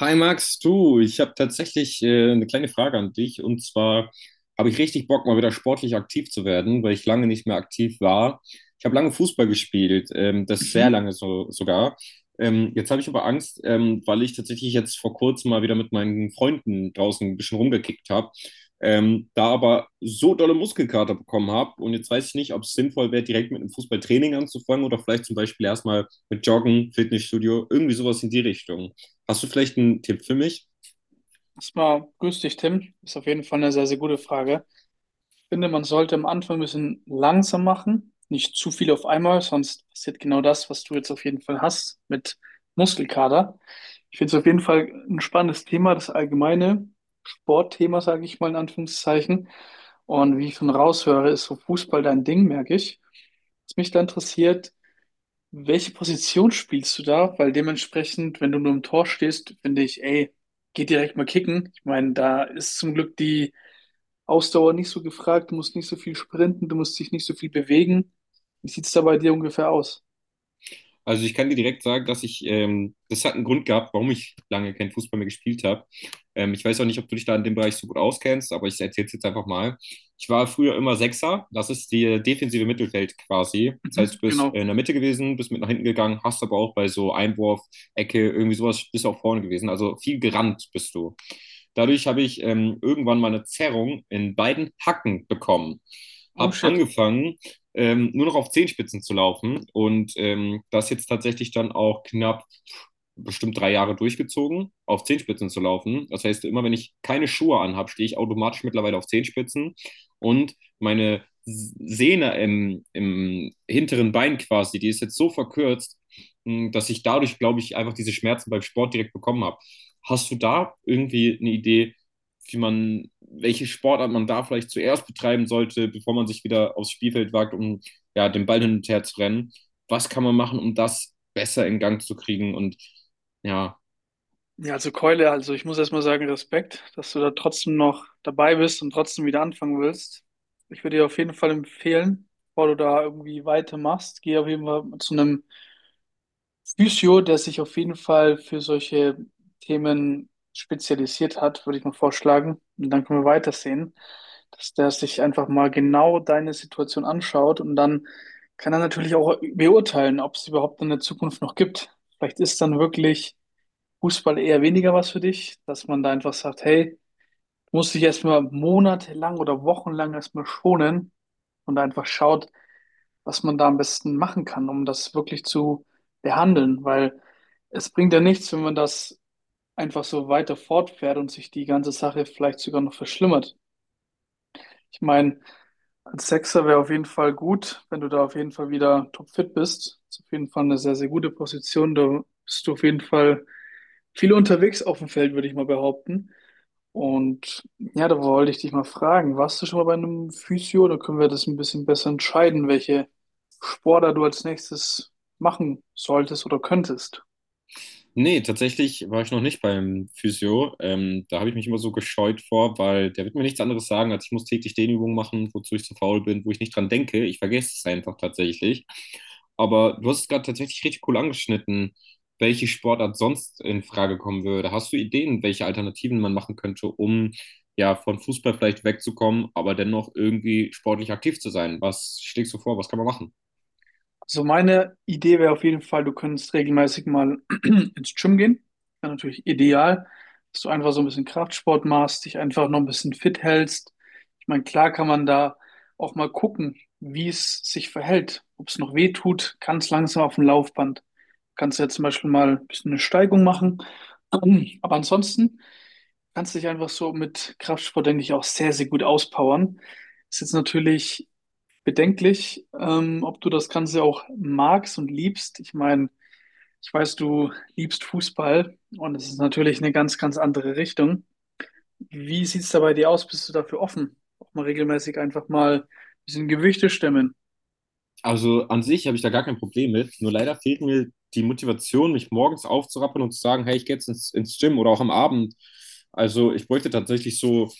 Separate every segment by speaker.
Speaker 1: Hi Max, du, ich habe tatsächlich eine kleine Frage an dich und zwar habe ich richtig Bock, mal wieder sportlich aktiv zu werden, weil ich lange nicht mehr aktiv war. Ich habe lange Fußball gespielt, das sehr
Speaker 2: Mhm.
Speaker 1: lange so, sogar. Jetzt habe ich aber Angst, weil ich tatsächlich jetzt vor kurzem mal wieder mit meinen Freunden draußen ein bisschen rumgekickt habe, da aber so dolle Muskelkater bekommen habe und jetzt weiß ich nicht, ob es sinnvoll wäre, direkt mit einem Fußballtraining anzufangen oder vielleicht zum Beispiel erstmal mit Joggen, Fitnessstudio, irgendwie sowas in die Richtung. Hast du vielleicht einen Tipp für mich?
Speaker 2: Erstmal grüß dich, Tim. Ist auf jeden Fall eine sehr, sehr gute Frage. Ich finde, man sollte am Anfang ein bisschen langsam machen, nicht zu viel auf einmal, sonst passiert genau das, was du jetzt auf jeden Fall hast mit Muskelkater. Ich finde es auf jeden Fall ein spannendes Thema, das allgemeine Sportthema, sage ich mal in Anführungszeichen. Und wie ich schon raushöre, ist so Fußball dein Ding, merke ich. Was mich da interessiert: Welche Position spielst du da? Weil dementsprechend, wenn du nur im Tor stehst, finde ich, ey, geh direkt mal kicken. Ich meine, da ist zum Glück die Ausdauer nicht so gefragt, du musst nicht so viel sprinten, du musst dich nicht so viel bewegen. Wie sieht's da bei dir ungefähr aus?
Speaker 1: Also ich kann dir direkt sagen, dass das hat einen Grund gehabt, warum ich lange keinen Fußball mehr gespielt habe. Ich weiß auch nicht, ob du dich da in dem Bereich so gut auskennst, aber ich erzähle es jetzt einfach mal. Ich war früher immer Sechser, das ist die defensive Mittelfeld quasi. Das heißt,
Speaker 2: Mhm,
Speaker 1: du bist in
Speaker 2: genau.
Speaker 1: der Mitte gewesen, bist mit nach hinten gegangen, hast aber auch bei so Einwurf, Ecke, irgendwie sowas, bist auch vorne gewesen. Also viel gerannt bist du. Dadurch habe ich irgendwann mal eine Zerrung in beiden Hacken bekommen.
Speaker 2: Oh
Speaker 1: Hab
Speaker 2: shit.
Speaker 1: angefangen, nur noch auf Zehenspitzen zu laufen und das jetzt tatsächlich dann auch knapp bestimmt 3 Jahre durchgezogen, auf Zehenspitzen zu laufen. Das heißt, immer wenn ich keine Schuhe anhabe, stehe ich automatisch mittlerweile auf Zehenspitzen und meine Sehne im hinteren Bein quasi, die ist jetzt so verkürzt, dass ich dadurch, glaube ich, einfach diese Schmerzen beim Sport direkt bekommen habe. Hast du da irgendwie eine Idee, wie man welche Sportart man da vielleicht zuerst betreiben sollte, bevor man sich wieder aufs Spielfeld wagt, um ja, den Ball hin und her zu rennen. Was kann man machen, um das besser in Gang zu kriegen? Und ja,
Speaker 2: Ja, also Keule, also ich muss erstmal sagen, Respekt, dass du da trotzdem noch dabei bist und trotzdem wieder anfangen willst. Ich würde dir auf jeden Fall empfehlen, bevor du da irgendwie weitermachst, geh auf jeden Fall zu einem Physio, der sich auf jeden Fall für solche Themen spezialisiert hat, würde ich mal vorschlagen. Und dann können wir weitersehen, dass der sich einfach mal genau deine Situation anschaut, und dann kann er natürlich auch beurteilen, ob es überhaupt in der Zukunft noch gibt. Vielleicht ist dann wirklich Fußball eher weniger was für dich, dass man da einfach sagt, hey, muss dich erstmal monatelang oder wochenlang erstmal schonen und einfach schaut, was man da am besten machen kann, um das wirklich zu behandeln, weil es bringt ja nichts, wenn man das einfach so weiter fortfährt und sich die ganze Sache vielleicht sogar noch verschlimmert. Ich meine, als Sechser wäre auf jeden Fall gut, wenn du da auf jeden Fall wieder topfit bist. Ist auf jeden Fall eine sehr, sehr gute Position. Da bist du auf jeden Fall viel unterwegs auf dem Feld, würde ich mal behaupten. Und ja, da wollte ich dich mal fragen, warst du schon mal bei einem Physio? Da können wir das ein bisschen besser entscheiden, welche Sportler du als nächstes machen solltest oder könntest.
Speaker 1: nee, tatsächlich war ich noch nicht beim Physio. Da habe ich mich immer so gescheut vor, weil der wird mir nichts anderes sagen, als ich muss täglich Dehnübungen machen, wozu ich zu faul bin, wo ich nicht dran denke. Ich vergesse es einfach tatsächlich. Aber du hast es gerade tatsächlich richtig cool angeschnitten, welche Sportart sonst in Frage kommen würde. Hast du Ideen, welche Alternativen man machen könnte, um ja von Fußball vielleicht wegzukommen, aber dennoch irgendwie sportlich aktiv zu sein? Was schlägst du vor? Was kann man machen?
Speaker 2: Also meine Idee wäre auf jeden Fall, du könntest regelmäßig mal ins Gym gehen. Wäre natürlich ideal, dass du einfach so ein bisschen Kraftsport machst, dich einfach noch ein bisschen fit hältst. Ich meine, klar kann man da auch mal gucken, wie es sich verhält, ob es noch weh tut, ganz langsam auf dem Laufband. Kannst du ja zum Beispiel mal ein bisschen eine Steigung machen. Aber ansonsten kannst du dich einfach so mit Kraftsport, denke ich, auch sehr, sehr gut auspowern. Ist jetzt natürlich bedenklich, ob du das Ganze auch magst und liebst. Ich meine, ich weiß, du liebst Fußball und es ist natürlich eine ganz, ganz andere Richtung. Wie sieht es da bei dir aus? Bist du dafür offen? Auch mal regelmäßig einfach mal ein bisschen Gewichte stemmen.
Speaker 1: Also an sich habe ich da gar kein Problem mit. Nur leider fehlt mir die Motivation, mich morgens aufzurappeln und zu sagen, hey, ich gehe jetzt ins Gym oder auch am Abend. Also ich bräuchte tatsächlich so,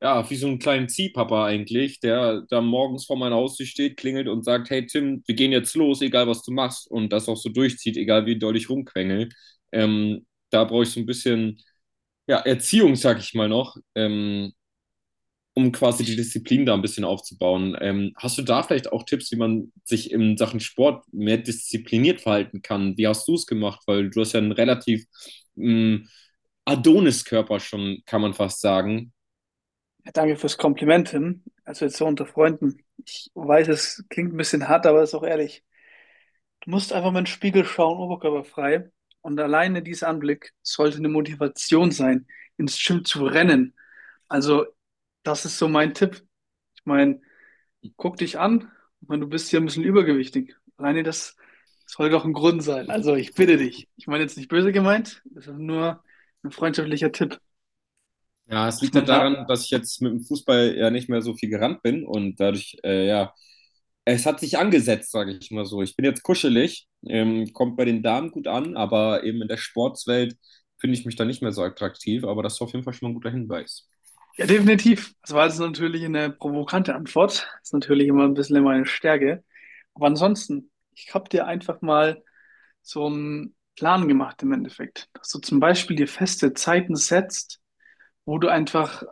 Speaker 1: ja, wie so einen kleinen Ziehpapa eigentlich, der da morgens vor meiner Haustür steht, klingelt und sagt, hey Tim, wir gehen jetzt los, egal was du machst. Und das auch so durchzieht, egal wie doll ich rumquengel. Da brauche ich so ein bisschen, ja, Erziehung, sag ich mal noch. Um quasi die
Speaker 2: Ich
Speaker 1: Disziplin da ein bisschen aufzubauen. Hast du da vielleicht auch Tipps, wie man sich in Sachen Sport mehr diszipliniert verhalten kann? Wie hast du es gemacht? Weil du hast ja einen relativ ähm, Adonis-Körper schon, kann man fast sagen.
Speaker 2: ja, danke fürs Kompliment hin. Also jetzt so unter Freunden. Ich weiß, es klingt ein bisschen hart, aber ist auch ehrlich. Du musst einfach mal in den Spiegel schauen, oberkörperfrei. Und alleine dieser Anblick sollte eine Motivation sein, ins Gym zu rennen. Also, das ist so mein Tipp. Ich meine, guck dich an. Ich meine, du bist hier ein bisschen übergewichtig. Alleine das soll doch ein Grund sein. Also, ich bitte dich. Ich meine jetzt nicht böse gemeint. Das ist nur ein freundschaftlicher Tipp,
Speaker 1: Ja, es
Speaker 2: dass
Speaker 1: liegt halt
Speaker 2: man da.
Speaker 1: daran, dass ich jetzt mit dem Fußball ja nicht mehr so viel gerannt bin und dadurch, ja, es hat sich angesetzt, sage ich mal so. Ich bin jetzt kuschelig, kommt bei den Damen gut an, aber eben in der Sportswelt finde ich mich da nicht mehr so attraktiv, aber das ist auf jeden Fall schon mal ein guter Hinweis.
Speaker 2: Ja, definitiv. Das war jetzt natürlich eine provokante Antwort. Das ist natürlich immer ein bisschen meine Stärke. Aber ansonsten, ich habe dir einfach mal so einen Plan gemacht im Endeffekt, dass du zum Beispiel dir feste Zeiten setzt, wo du einfach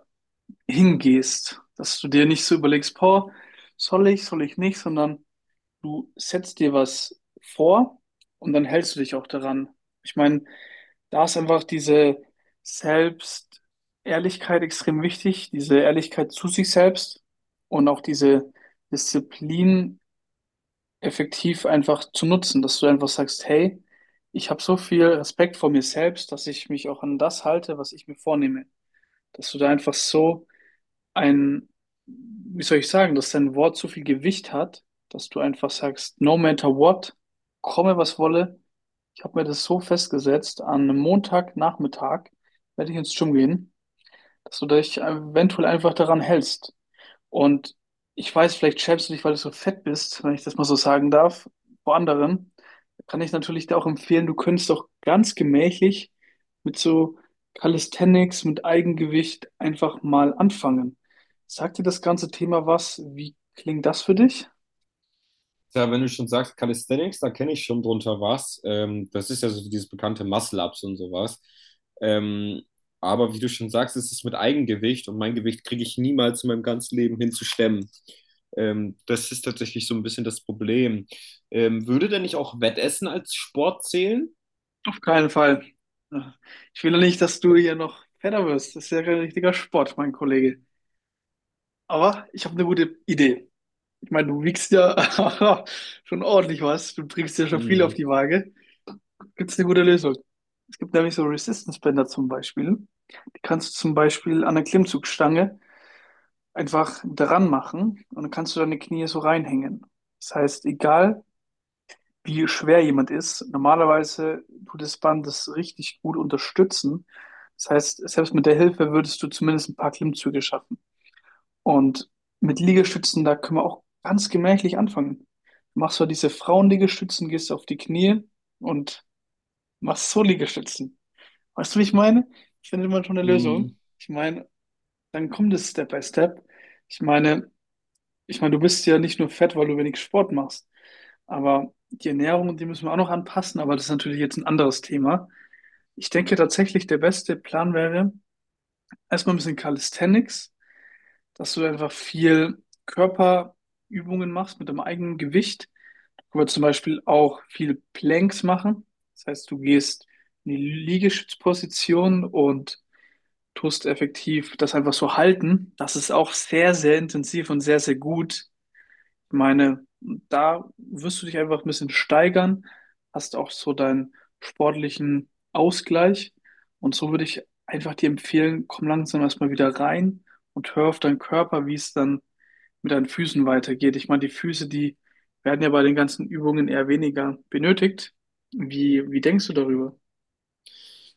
Speaker 2: hingehst, dass du dir nicht so überlegst, boah, soll ich, nicht, sondern du setzt dir was vor und dann hältst du dich auch daran. Ich meine, da ist einfach diese Selbstehrlichkeit extrem wichtig, diese Ehrlichkeit zu sich selbst und auch diese Disziplin effektiv einfach zu nutzen, dass du einfach sagst, hey, ich habe so viel Respekt vor mir selbst, dass ich mich auch an das halte, was ich mir vornehme. Dass du da einfach so ein, wie soll ich sagen, dass dein Wort so viel Gewicht hat, dass du einfach sagst, no matter what, komme was wolle. Ich habe mir das so festgesetzt, an einem Montagnachmittag werde ich ins Gym gehen, dass du dich eventuell einfach daran hältst. Und ich weiß, vielleicht schämst du dich, weil du so fett bist, wenn ich das mal so sagen darf, vor anderen. Kann ich natürlich dir auch empfehlen, du könntest auch ganz gemächlich mit so Calisthenics, mit Eigengewicht einfach mal anfangen. Sagt dir das ganze Thema was? Wie klingt das für dich?
Speaker 1: Ja, wenn du schon sagst Calisthenics, da kenne ich schon drunter was. Das ist ja so dieses bekannte Muscle-Ups und sowas. Ähm, aber wie du schon sagst, es ist es mit Eigengewicht und mein Gewicht kriege ich niemals in meinem ganzen Leben hinzustemmen. Das ist tatsächlich so ein bisschen das Problem. Würde denn nicht auch Wettessen als Sport zählen?
Speaker 2: Auf keinen Fall. Ich will ja nicht, dass du hier noch fetter wirst. Das ist ja kein richtiger Sport, mein Kollege. Aber ich habe eine gute Idee. Ich meine, du wiegst ja schon ordentlich was. Du bringst ja schon viel auf
Speaker 1: Hm.
Speaker 2: die Waage. Gibt es eine gute Lösung? Es gibt nämlich so Resistance-Bänder zum Beispiel. Die kannst du zum Beispiel an der Klimmzugstange einfach dran machen und dann kannst du deine Knie so reinhängen. Das heißt, egal wie schwer jemand ist, normalerweise tut das Band das richtig gut unterstützen. Das heißt, selbst mit der Hilfe würdest du zumindest ein paar Klimmzüge schaffen. Und mit Liegestützen, da können wir auch ganz gemächlich anfangen. Du machst so diese Frauenliegestützen, gehst auf die Knie und machst so Liegestützen. Weißt du, wie ich meine? Ich finde immer schon eine
Speaker 1: Hm.
Speaker 2: Lösung. Ich meine, dann kommt es Step by Step. Ich meine, ich meine, du bist ja nicht nur fett, weil du wenig Sport machst, aber die Ernährung, die müssen wir auch noch anpassen, aber das ist natürlich jetzt ein anderes Thema. Ich denke tatsächlich, der beste Plan wäre, erstmal ein bisschen Calisthenics, dass du einfach viel Körperübungen machst mit deinem eigenen Gewicht. Du kannst zum Beispiel auch viel Planks machen. Das heißt, du gehst in die Liegestützposition und tust effektiv das einfach so halten. Das ist auch sehr, sehr intensiv und sehr, sehr gut. Ich meine, da wirst du dich einfach ein bisschen steigern, hast auch so deinen sportlichen Ausgleich. Und so würde ich einfach dir empfehlen, komm langsam erstmal wieder rein und hör auf deinen Körper, wie es dann mit deinen Füßen weitergeht. Ich meine, die Füße, die werden ja bei den ganzen Übungen eher weniger benötigt. Wie denkst du darüber?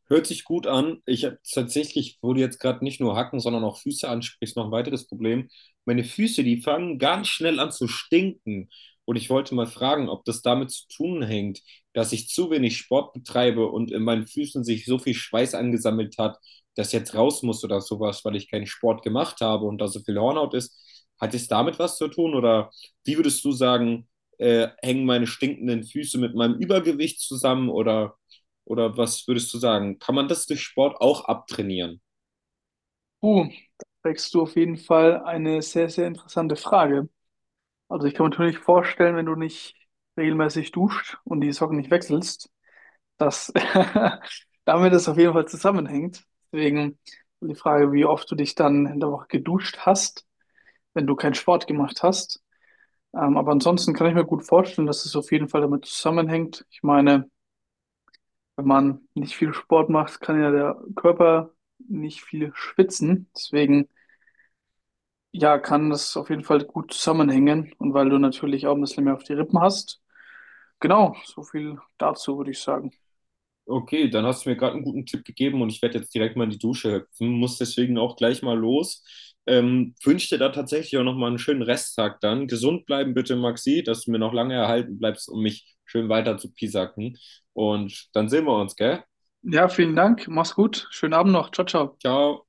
Speaker 1: Hört sich gut an. Ich habe tatsächlich, wo du jetzt gerade nicht nur Hacken, sondern auch Füße ansprichst, noch ein weiteres Problem. Meine Füße, die fangen ganz schnell an zu stinken. Und ich wollte mal fragen, ob das damit zu tun hängt, dass ich zu wenig Sport betreibe und in meinen Füßen sich so viel Schweiß angesammelt hat, dass jetzt raus muss oder sowas, weil ich keinen Sport gemacht habe und da so viel Hornhaut ist. Hat es damit was zu tun? Oder wie würdest du sagen, hängen meine stinkenden Füße mit meinem Übergewicht zusammen oder was würdest du sagen? Kann man das durch Sport auch abtrainieren?
Speaker 2: Uh, Da trägst du auf jeden Fall eine sehr, sehr interessante Frage. Also ich kann mir natürlich vorstellen, wenn du nicht regelmäßig duscht und die Socken nicht wechselst, dass damit das auf jeden Fall zusammenhängt. Deswegen die Frage, wie oft du dich dann in der Woche geduscht hast, wenn du keinen Sport gemacht hast. Aber ansonsten kann ich mir gut vorstellen, dass es auf jeden Fall damit zusammenhängt. Ich meine, wenn man nicht viel Sport macht, kann ja der Körper nicht viel schwitzen. Deswegen ja, kann das auf jeden Fall gut zusammenhängen und weil du natürlich auch ein bisschen mehr auf die Rippen hast. Genau, so viel dazu würde ich sagen.
Speaker 1: Okay, dann hast du mir gerade einen guten Tipp gegeben und ich werde jetzt direkt mal in die Dusche hüpfen, muss deswegen auch gleich mal los. Wünsche dir da tatsächlich auch nochmal einen schönen Resttag dann. Gesund bleiben bitte, Maxi, dass du mir noch lange erhalten bleibst, um mich schön weiter zu piesacken. Und dann sehen wir uns, gell?
Speaker 2: Ja, vielen Dank. Mach's gut. Schönen Abend noch. Ciao, ciao.
Speaker 1: Ciao.